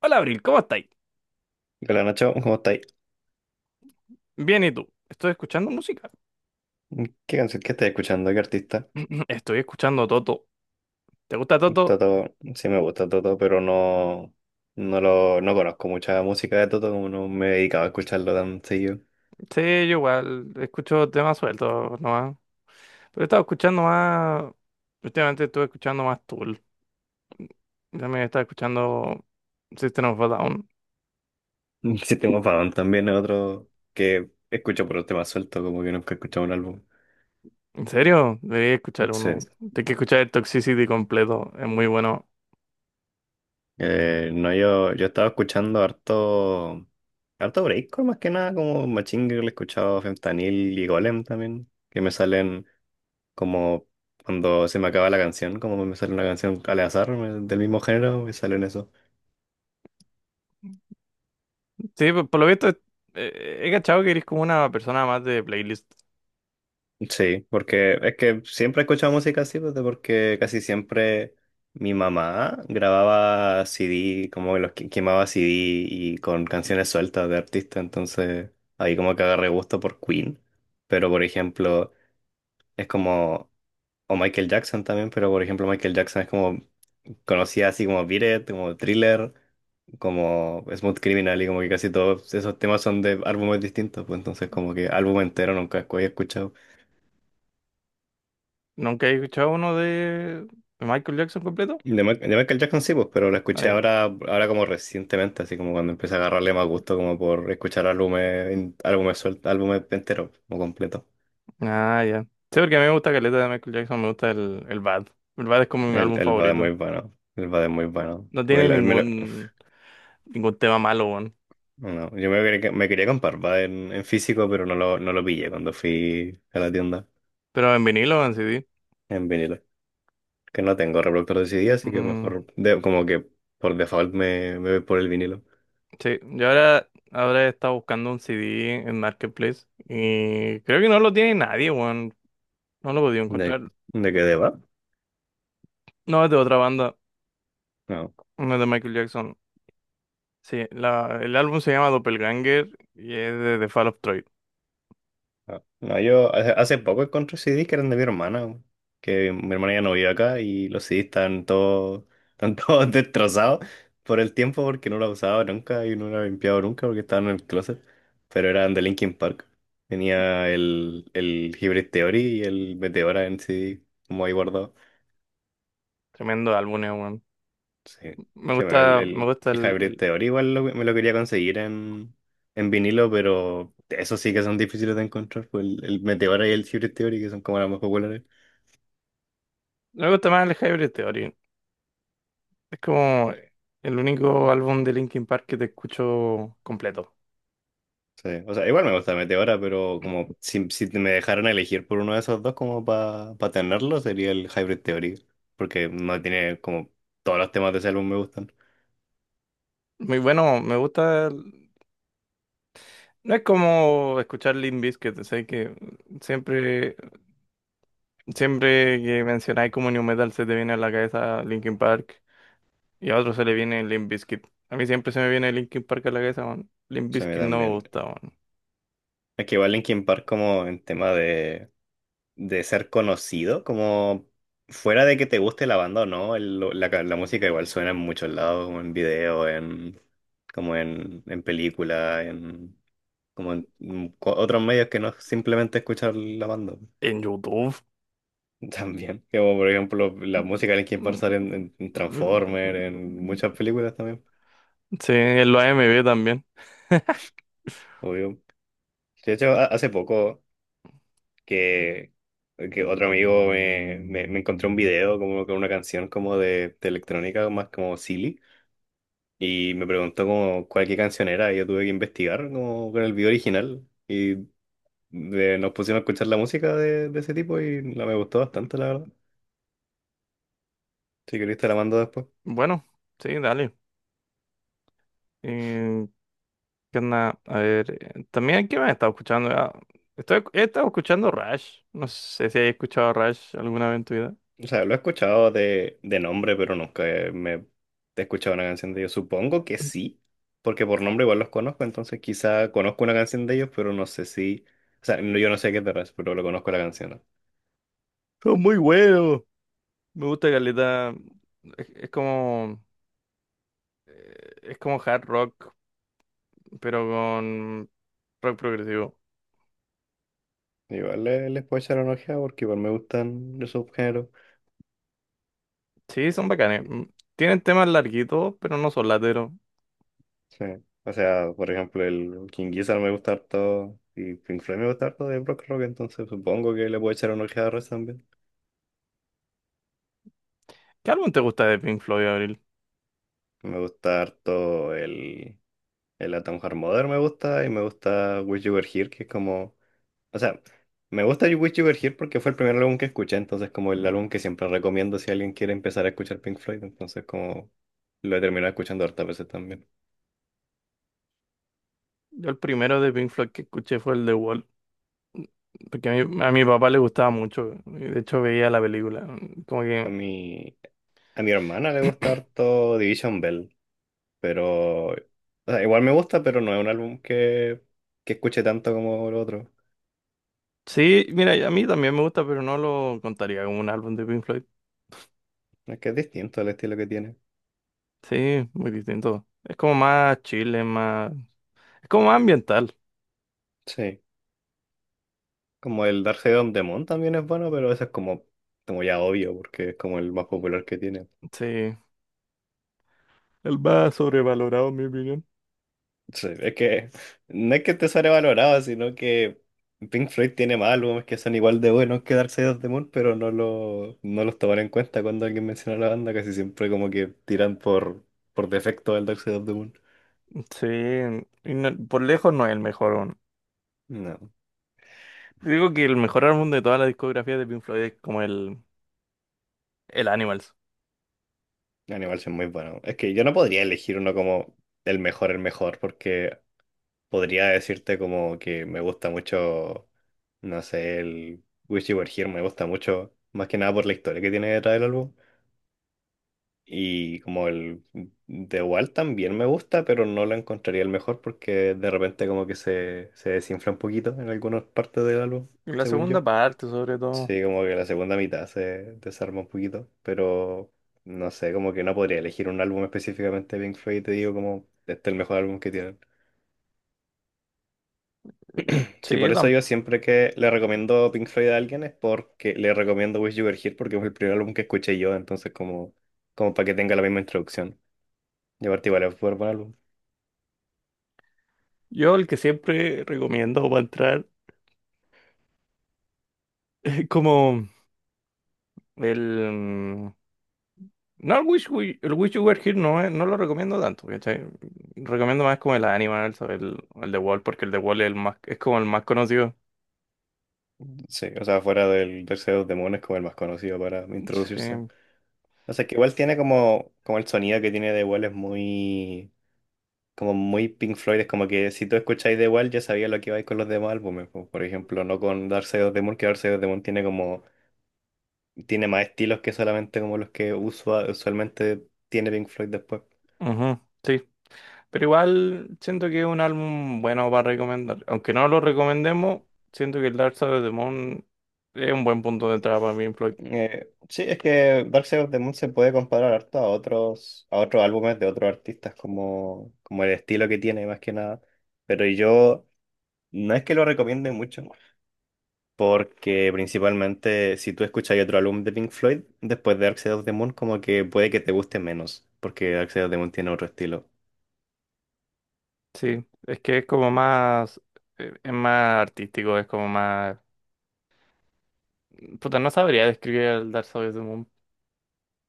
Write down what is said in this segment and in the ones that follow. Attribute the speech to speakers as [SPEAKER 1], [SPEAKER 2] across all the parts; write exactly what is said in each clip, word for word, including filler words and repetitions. [SPEAKER 1] Hola Abril, ¿cómo estáis?
[SPEAKER 2] Hola Nacho, ¿cómo estáis?
[SPEAKER 1] Bien, ¿y tú? Estoy escuchando música.
[SPEAKER 2] ¿Qué canción que estáis escuchando? ¿Qué artista?
[SPEAKER 1] Estoy escuchando Toto. ¿Te gusta Toto?
[SPEAKER 2] Toto, sí me gusta Toto, pero no, no lo, no conozco mucha música de Toto, como no me he dedicado a escucharlo tan seguido.
[SPEAKER 1] Sí, yo igual escucho temas sueltos nomás. Pero he estado escuchando más. Últimamente estuve escuchando más Tool. También estaba escuchando System of a Down.
[SPEAKER 2] System of a también es otro que escucho por un tema suelto, como que nunca he escuchado un álbum.
[SPEAKER 1] ¿En serio? Debería escuchar
[SPEAKER 2] Sí.
[SPEAKER 1] uno. Tengo que escuchar el Toxicity completo. Es muy bueno.
[SPEAKER 2] Eh, no, yo, yo estaba escuchando harto, harto breakcore más que nada, como Machine Girl, he escuchado Fentanyl y Golem también, que me salen. Como cuando se me acaba la canción, como me sale una canción al azar me- del mismo género, me salen eso.
[SPEAKER 1] Sí, por, por lo visto, eh, he cachado que eres como una persona más de playlist.
[SPEAKER 2] Sí, porque es que siempre he escuchado música así, pues, de- porque casi siempre mi mamá grababa C D, como que los que- quemaba C D y con canciones sueltas de artistas, entonces ahí como que agarré gusto por Queen. Pero por ejemplo, es como, o Michael Jackson también, pero por ejemplo Michael Jackson es como, conocía así como Beat It, como Thriller, como Smooth Criminal y como que casi todos esos temas son de álbumes distintos, pues entonces como que álbum entero nunca había escuchado.
[SPEAKER 1] ¿Nunca he escuchado uno de Michael Jackson completo?
[SPEAKER 2] De, Ma- de Michael Jackson sí, pues, pero lo escuché ahora, ahora como recientemente, así como cuando empecé a agarrarle más gusto como por escuchar álbumes, en- álbumes sueltos, álbumes enteros, como completo.
[SPEAKER 1] Ah, ya. Sí, porque a mí me gusta Caleta de Michael Jackson, me gusta el, el Bad. El Bad es como mi
[SPEAKER 2] El,
[SPEAKER 1] álbum
[SPEAKER 2] el Bad es muy
[SPEAKER 1] favorito.
[SPEAKER 2] bueno, el Bad es muy bueno.
[SPEAKER 1] No
[SPEAKER 2] Me
[SPEAKER 1] tiene
[SPEAKER 2] lo- me lo-
[SPEAKER 1] ningún, ningún tema malo, weón.
[SPEAKER 2] no, yo me, quería me quería comprar Bad en, en físico, pero no lo, no lo pillé cuando fui a la tienda
[SPEAKER 1] Pero en vinilo o en C D.
[SPEAKER 2] en vinilo. Que no tengo reproductor de C D, así que
[SPEAKER 1] Mm,
[SPEAKER 2] mejor, de- como que por default me, me voy por el vinilo.
[SPEAKER 1] sí, yo ahora, ahora he estado buscando un C D en Marketplace y creo que no lo tiene nadie, weón. No lo he podido
[SPEAKER 2] ¿De,
[SPEAKER 1] encontrar.
[SPEAKER 2] de qué deba?
[SPEAKER 1] No, es de otra banda,
[SPEAKER 2] No,
[SPEAKER 1] no es de Michael Jackson. Sí, la, el álbum se llama Doppelganger y es de The Fall of Troy.
[SPEAKER 2] no, No, yo hace, hace poco encontré C D que eran de mi hermana, que mi hermana ya no vive acá y los C Ds están todos, están todos destrozados por el tiempo porque no los usaba nunca y no los he limpiado nunca porque estaban en el closet, pero eran de Linkin Park. Tenía el, el Hybrid Theory y el Meteora en C D como ahí guardado.
[SPEAKER 1] Tremendo álbum, eh, weón.
[SPEAKER 2] Sí,
[SPEAKER 1] Me
[SPEAKER 2] sí, bueno, el,
[SPEAKER 1] gusta, me
[SPEAKER 2] el,
[SPEAKER 1] gusta
[SPEAKER 2] el
[SPEAKER 1] el,
[SPEAKER 2] Hybrid
[SPEAKER 1] el-
[SPEAKER 2] Theory igual lo- me lo quería conseguir en, en vinilo, pero eso sí que son difíciles de encontrar, pues el, el Meteora y el Hybrid Theory, que son como las más populares.
[SPEAKER 1] me gusta más el Hybrid Theory. Es como el único álbum de Linkin Park que te escucho completo.
[SPEAKER 2] Sí, o sea, igual me gusta Meteora, pero como si, si me dejaran elegir por uno de esos dos como para tenerlo, sería el Hybrid Theory, porque no tiene como todos los temas de ese álbum me gustan.
[SPEAKER 1] Muy bueno, me gusta. el- No es como escuchar Limp Bizkit, sé que siempre, siempre que mencionáis como New Metal se te viene a la cabeza Linkin Park y a otro se le viene Limp Bizkit. A mí siempre se me viene Linkin Park a la cabeza, man. Limp
[SPEAKER 2] O sea, a mí
[SPEAKER 1] Bizkit no me
[SPEAKER 2] también.
[SPEAKER 1] gusta, man.
[SPEAKER 2] Es que igual Linkin Park como en tema de... de ser conocido, como fuera de que te guste la banda o no, el- lo- la, ca- la música igual suena en muchos lados, como en video, en, como en, en película, en, como en mm, co- otros medios que no es simplemente escuchar la banda.
[SPEAKER 1] En YouTube.
[SPEAKER 2] También, como por ejemplo la música de Linkin Park sale en,
[SPEAKER 1] Mm,
[SPEAKER 2] en- en Transformers, en muchas películas también,
[SPEAKER 1] sí, en los A M V también.
[SPEAKER 2] obvio. De hecho, ha- hace poco que, que otro amigo me, me, me encontró un video como con una canción como de, de electrónica más como silly. Y me preguntó como cuál qué canción era, y yo tuve que investigar como con el video original. Y de- nos pusimos a escuchar la música de, de ese tipo y la, me gustó bastante, la verdad. Si querés te la mando después.
[SPEAKER 1] Bueno, sí, dale. Eh, ¿Qué onda? A ver, eh, también aquí me he estado escuchando. Ah, Estoy, he estado escuchando Rush. No sé si has escuchado Rush alguna vez en tu vida.
[SPEAKER 2] O sea, lo he escuchado de, de nombre, pero nunca eh, me he escuchado una canción de ellos. Supongo que sí, porque por nombre igual los conozco, entonces quizá conozco una canción de ellos, pero no sé si... O sea, no- yo no sé qué te refieres, pero lo conozco la canción.
[SPEAKER 1] Son muy buenos. Me gusta Caleta. Es, es como. eh, Es como hard rock, pero con rock progresivo.
[SPEAKER 2] ¿No? Igual le- les puedo echar una ojeada porque igual me gustan esos géneros.
[SPEAKER 1] Sí, son bacanes. Mm, tienen temas larguitos, pero no son lateros.
[SPEAKER 2] Sí. O sea, por ejemplo, el King Gizzard me gusta harto y Pink Floyd me gusta harto de Brock Rock, entonces supongo que le puedo echar una ojeada a Rush también.
[SPEAKER 1] ¿Qué álbum te gusta de Pink Floyd, Abril?
[SPEAKER 2] Me gusta harto el, el Atom Heart Mother, me gusta, y me gusta Wish You Were Here, que es como... O sea, me gusta You- Wish You Were Here porque fue el primer álbum que escuché, entonces como el álbum que siempre recomiendo si alguien quiere empezar a escuchar Pink Floyd, entonces como lo he terminado escuchando hartas veces también.
[SPEAKER 1] Yo el primero de Pink Floyd que escuché fue el de Wall, porque a mi, a mi papá le gustaba mucho. Y de hecho, veía la película. Mm, Como
[SPEAKER 2] A
[SPEAKER 1] que
[SPEAKER 2] mi, a mi hermana le gusta harto Division Bell. Pero, o sea, igual me gusta, pero no es un álbum que, que escuche tanto como el otro.
[SPEAKER 1] Sí, mira, a mí también me gusta, pero no lo contaría como un álbum de Pink Floyd.
[SPEAKER 2] Es que es distinto el estilo que tiene.
[SPEAKER 1] Sí, muy distinto. Es como más chile, más... Es como más ambiental.
[SPEAKER 2] Sí. Como el Dark Side of the Moon también es bueno, pero ese es como, como ya obvio, porque es como el más popular que tiene.
[SPEAKER 1] Sí. El más sobrevalorado, en mi opinión.
[SPEAKER 2] Sí, es que no es que esté sobrevalorado, sino que Pink Floyd tiene más álbumes que son igual de buenos que Dark Side of the Moon, pero no, lo, no los toman en cuenta cuando alguien menciona la banda, casi siempre como que tiran por, por defecto al Dark Side of the Moon.
[SPEAKER 1] Sí, y no- por lejos no es el mejor, weón.
[SPEAKER 2] No.
[SPEAKER 1] Digo que el mejor álbum de toda la discografía de Pink Floyd es como el, el Animals.
[SPEAKER 2] Animal es muy bueno. Es que yo no podría elegir uno como el mejor, el mejor, porque podría decirte como que me gusta mucho, no sé, el Wish You Were Here me gusta mucho, más que nada por la historia que tiene detrás del álbum. Y como el The Wall también me gusta, pero no lo encontraría el mejor porque de repente como que se, se desinfla un poquito en algunas partes del álbum,
[SPEAKER 1] Y la
[SPEAKER 2] según yo.
[SPEAKER 1] segunda parte, sobre todo.
[SPEAKER 2] Sí, como que la segunda mitad se desarma un poquito, pero no sé, como que no podría elegir un álbum específicamente de Pink Floyd, te digo como este es el mejor álbum que tienen.
[SPEAKER 1] Sí,
[SPEAKER 2] Sí,
[SPEAKER 1] yo,
[SPEAKER 2] por eso
[SPEAKER 1] tam-
[SPEAKER 2] yo siempre que le recomiendo Pink Floyd a alguien es porque le recomiendo Wish You Were Here porque fue el primer álbum que escuché yo, entonces como, como para que tenga la misma introducción. Y aparte igual es súper buen álbum.
[SPEAKER 1] yo el que siempre recomiendo para entrar es como el. No, el Wish, We- el Wish You Were Here no, es- no lo recomiendo tanto, ¿cachai? Recomiendo más como el Animal, ¿sabes? el, el The Wall, porque el The Wall es, el más, es como el más conocido.
[SPEAKER 2] Sí, o sea, fuera del Tercer de los Demonios como el más conocido para introducirse.
[SPEAKER 1] Sí,
[SPEAKER 2] O sea, que igual tiene como, como el sonido que tiene de igual es muy como muy Pink Floyd, es como que si tú escucháis The Wall ya sabía lo que iba a ir con los demás álbumes, po, por ejemplo, no con Dark Side of the Moon, que Dark Side of the Moon tiene como, tiene más estilos que solamente como los que usua- usualmente tiene Pink Floyd después.
[SPEAKER 1] ujú, sí. Pero igual siento que es un álbum bueno para recomendar. Aunque no lo recomendemos, siento que el Dark Side of the Moon es un buen punto de entrada para Pink Floyd.
[SPEAKER 2] Eh, sí, es que Dark Side of the Moon se puede comparar harto a otros, a otros álbumes de otros artistas, como, como el estilo que tiene más que nada, pero yo no es que lo recomiende mucho, porque principalmente si tú escuchas otro álbum de Pink Floyd, después de Dark Side of the Moon, como que puede que te guste menos, porque Dark Side of the Moon tiene otro estilo.
[SPEAKER 1] Sí, es que es como más, eh, es más artístico, es como más... Puta, no sabría describir el Dark Side of the Moon,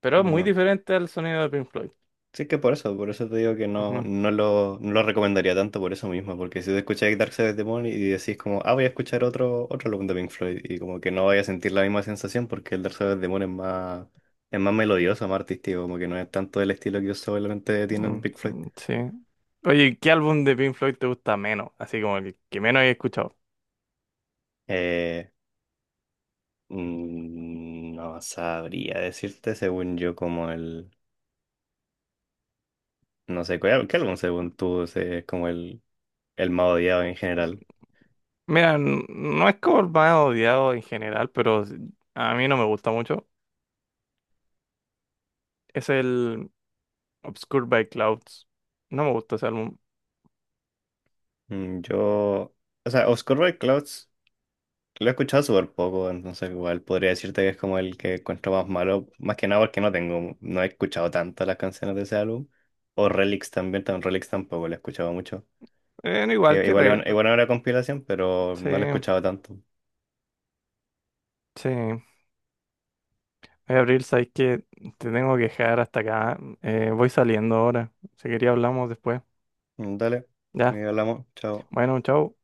[SPEAKER 1] pero es muy
[SPEAKER 2] No.
[SPEAKER 1] diferente al sonido de Pink Floyd.
[SPEAKER 2] Sí que por eso, por eso te digo que no,
[SPEAKER 1] Ujú.
[SPEAKER 2] no lo, no lo recomendaría tanto por eso mismo, porque si tú escuchas Dark Side of the Moon y decís como, ah, voy a escuchar otro, otro álbum de Pink Floyd, y como que no vaya a sentir la misma sensación porque el Dark Side of the Moon es más, es más melodioso, más artístico, como que no es tanto el estilo que solamente tienen
[SPEAKER 1] Mm,
[SPEAKER 2] Pink Floyd.
[SPEAKER 1] mm, sí. Oye, ¿qué álbum de Pink Floyd te gusta menos? Así como el que menos he escuchado.
[SPEAKER 2] Eh, Mm, No sabría decirte según yo como el... No sé, ¿cuál- ¿qué álbum según tú es como el, el más odiado en general?
[SPEAKER 1] Mira, n- no es como el más odiado en general, pero s- a mí no me gusta mucho. Es el Obscured by Clouds. No me gusta ese álbum.
[SPEAKER 2] Mm, yo... O sea, Oscar Clouds lo he escuchado súper poco, entonces igual podría decirte que es como el que encuentro más malo, más que nada porque no tengo, no he escuchado tanto las canciones de ese álbum. O Relics también, también Relics tampoco lo he escuchado mucho.
[SPEAKER 1] Eh, no igual
[SPEAKER 2] Que
[SPEAKER 1] que Re...
[SPEAKER 2] igual, igual era compilación, pero
[SPEAKER 1] Sí,
[SPEAKER 2] no lo he escuchado tanto.
[SPEAKER 1] sí. Oye, Abril, sabes que te tengo que dejar hasta acá. Eh, voy saliendo ahora. Si quería hablamos después.
[SPEAKER 2] Mm, dale, y
[SPEAKER 1] Ya.
[SPEAKER 2] hablamos, chao.
[SPEAKER 1] Bueno, chao.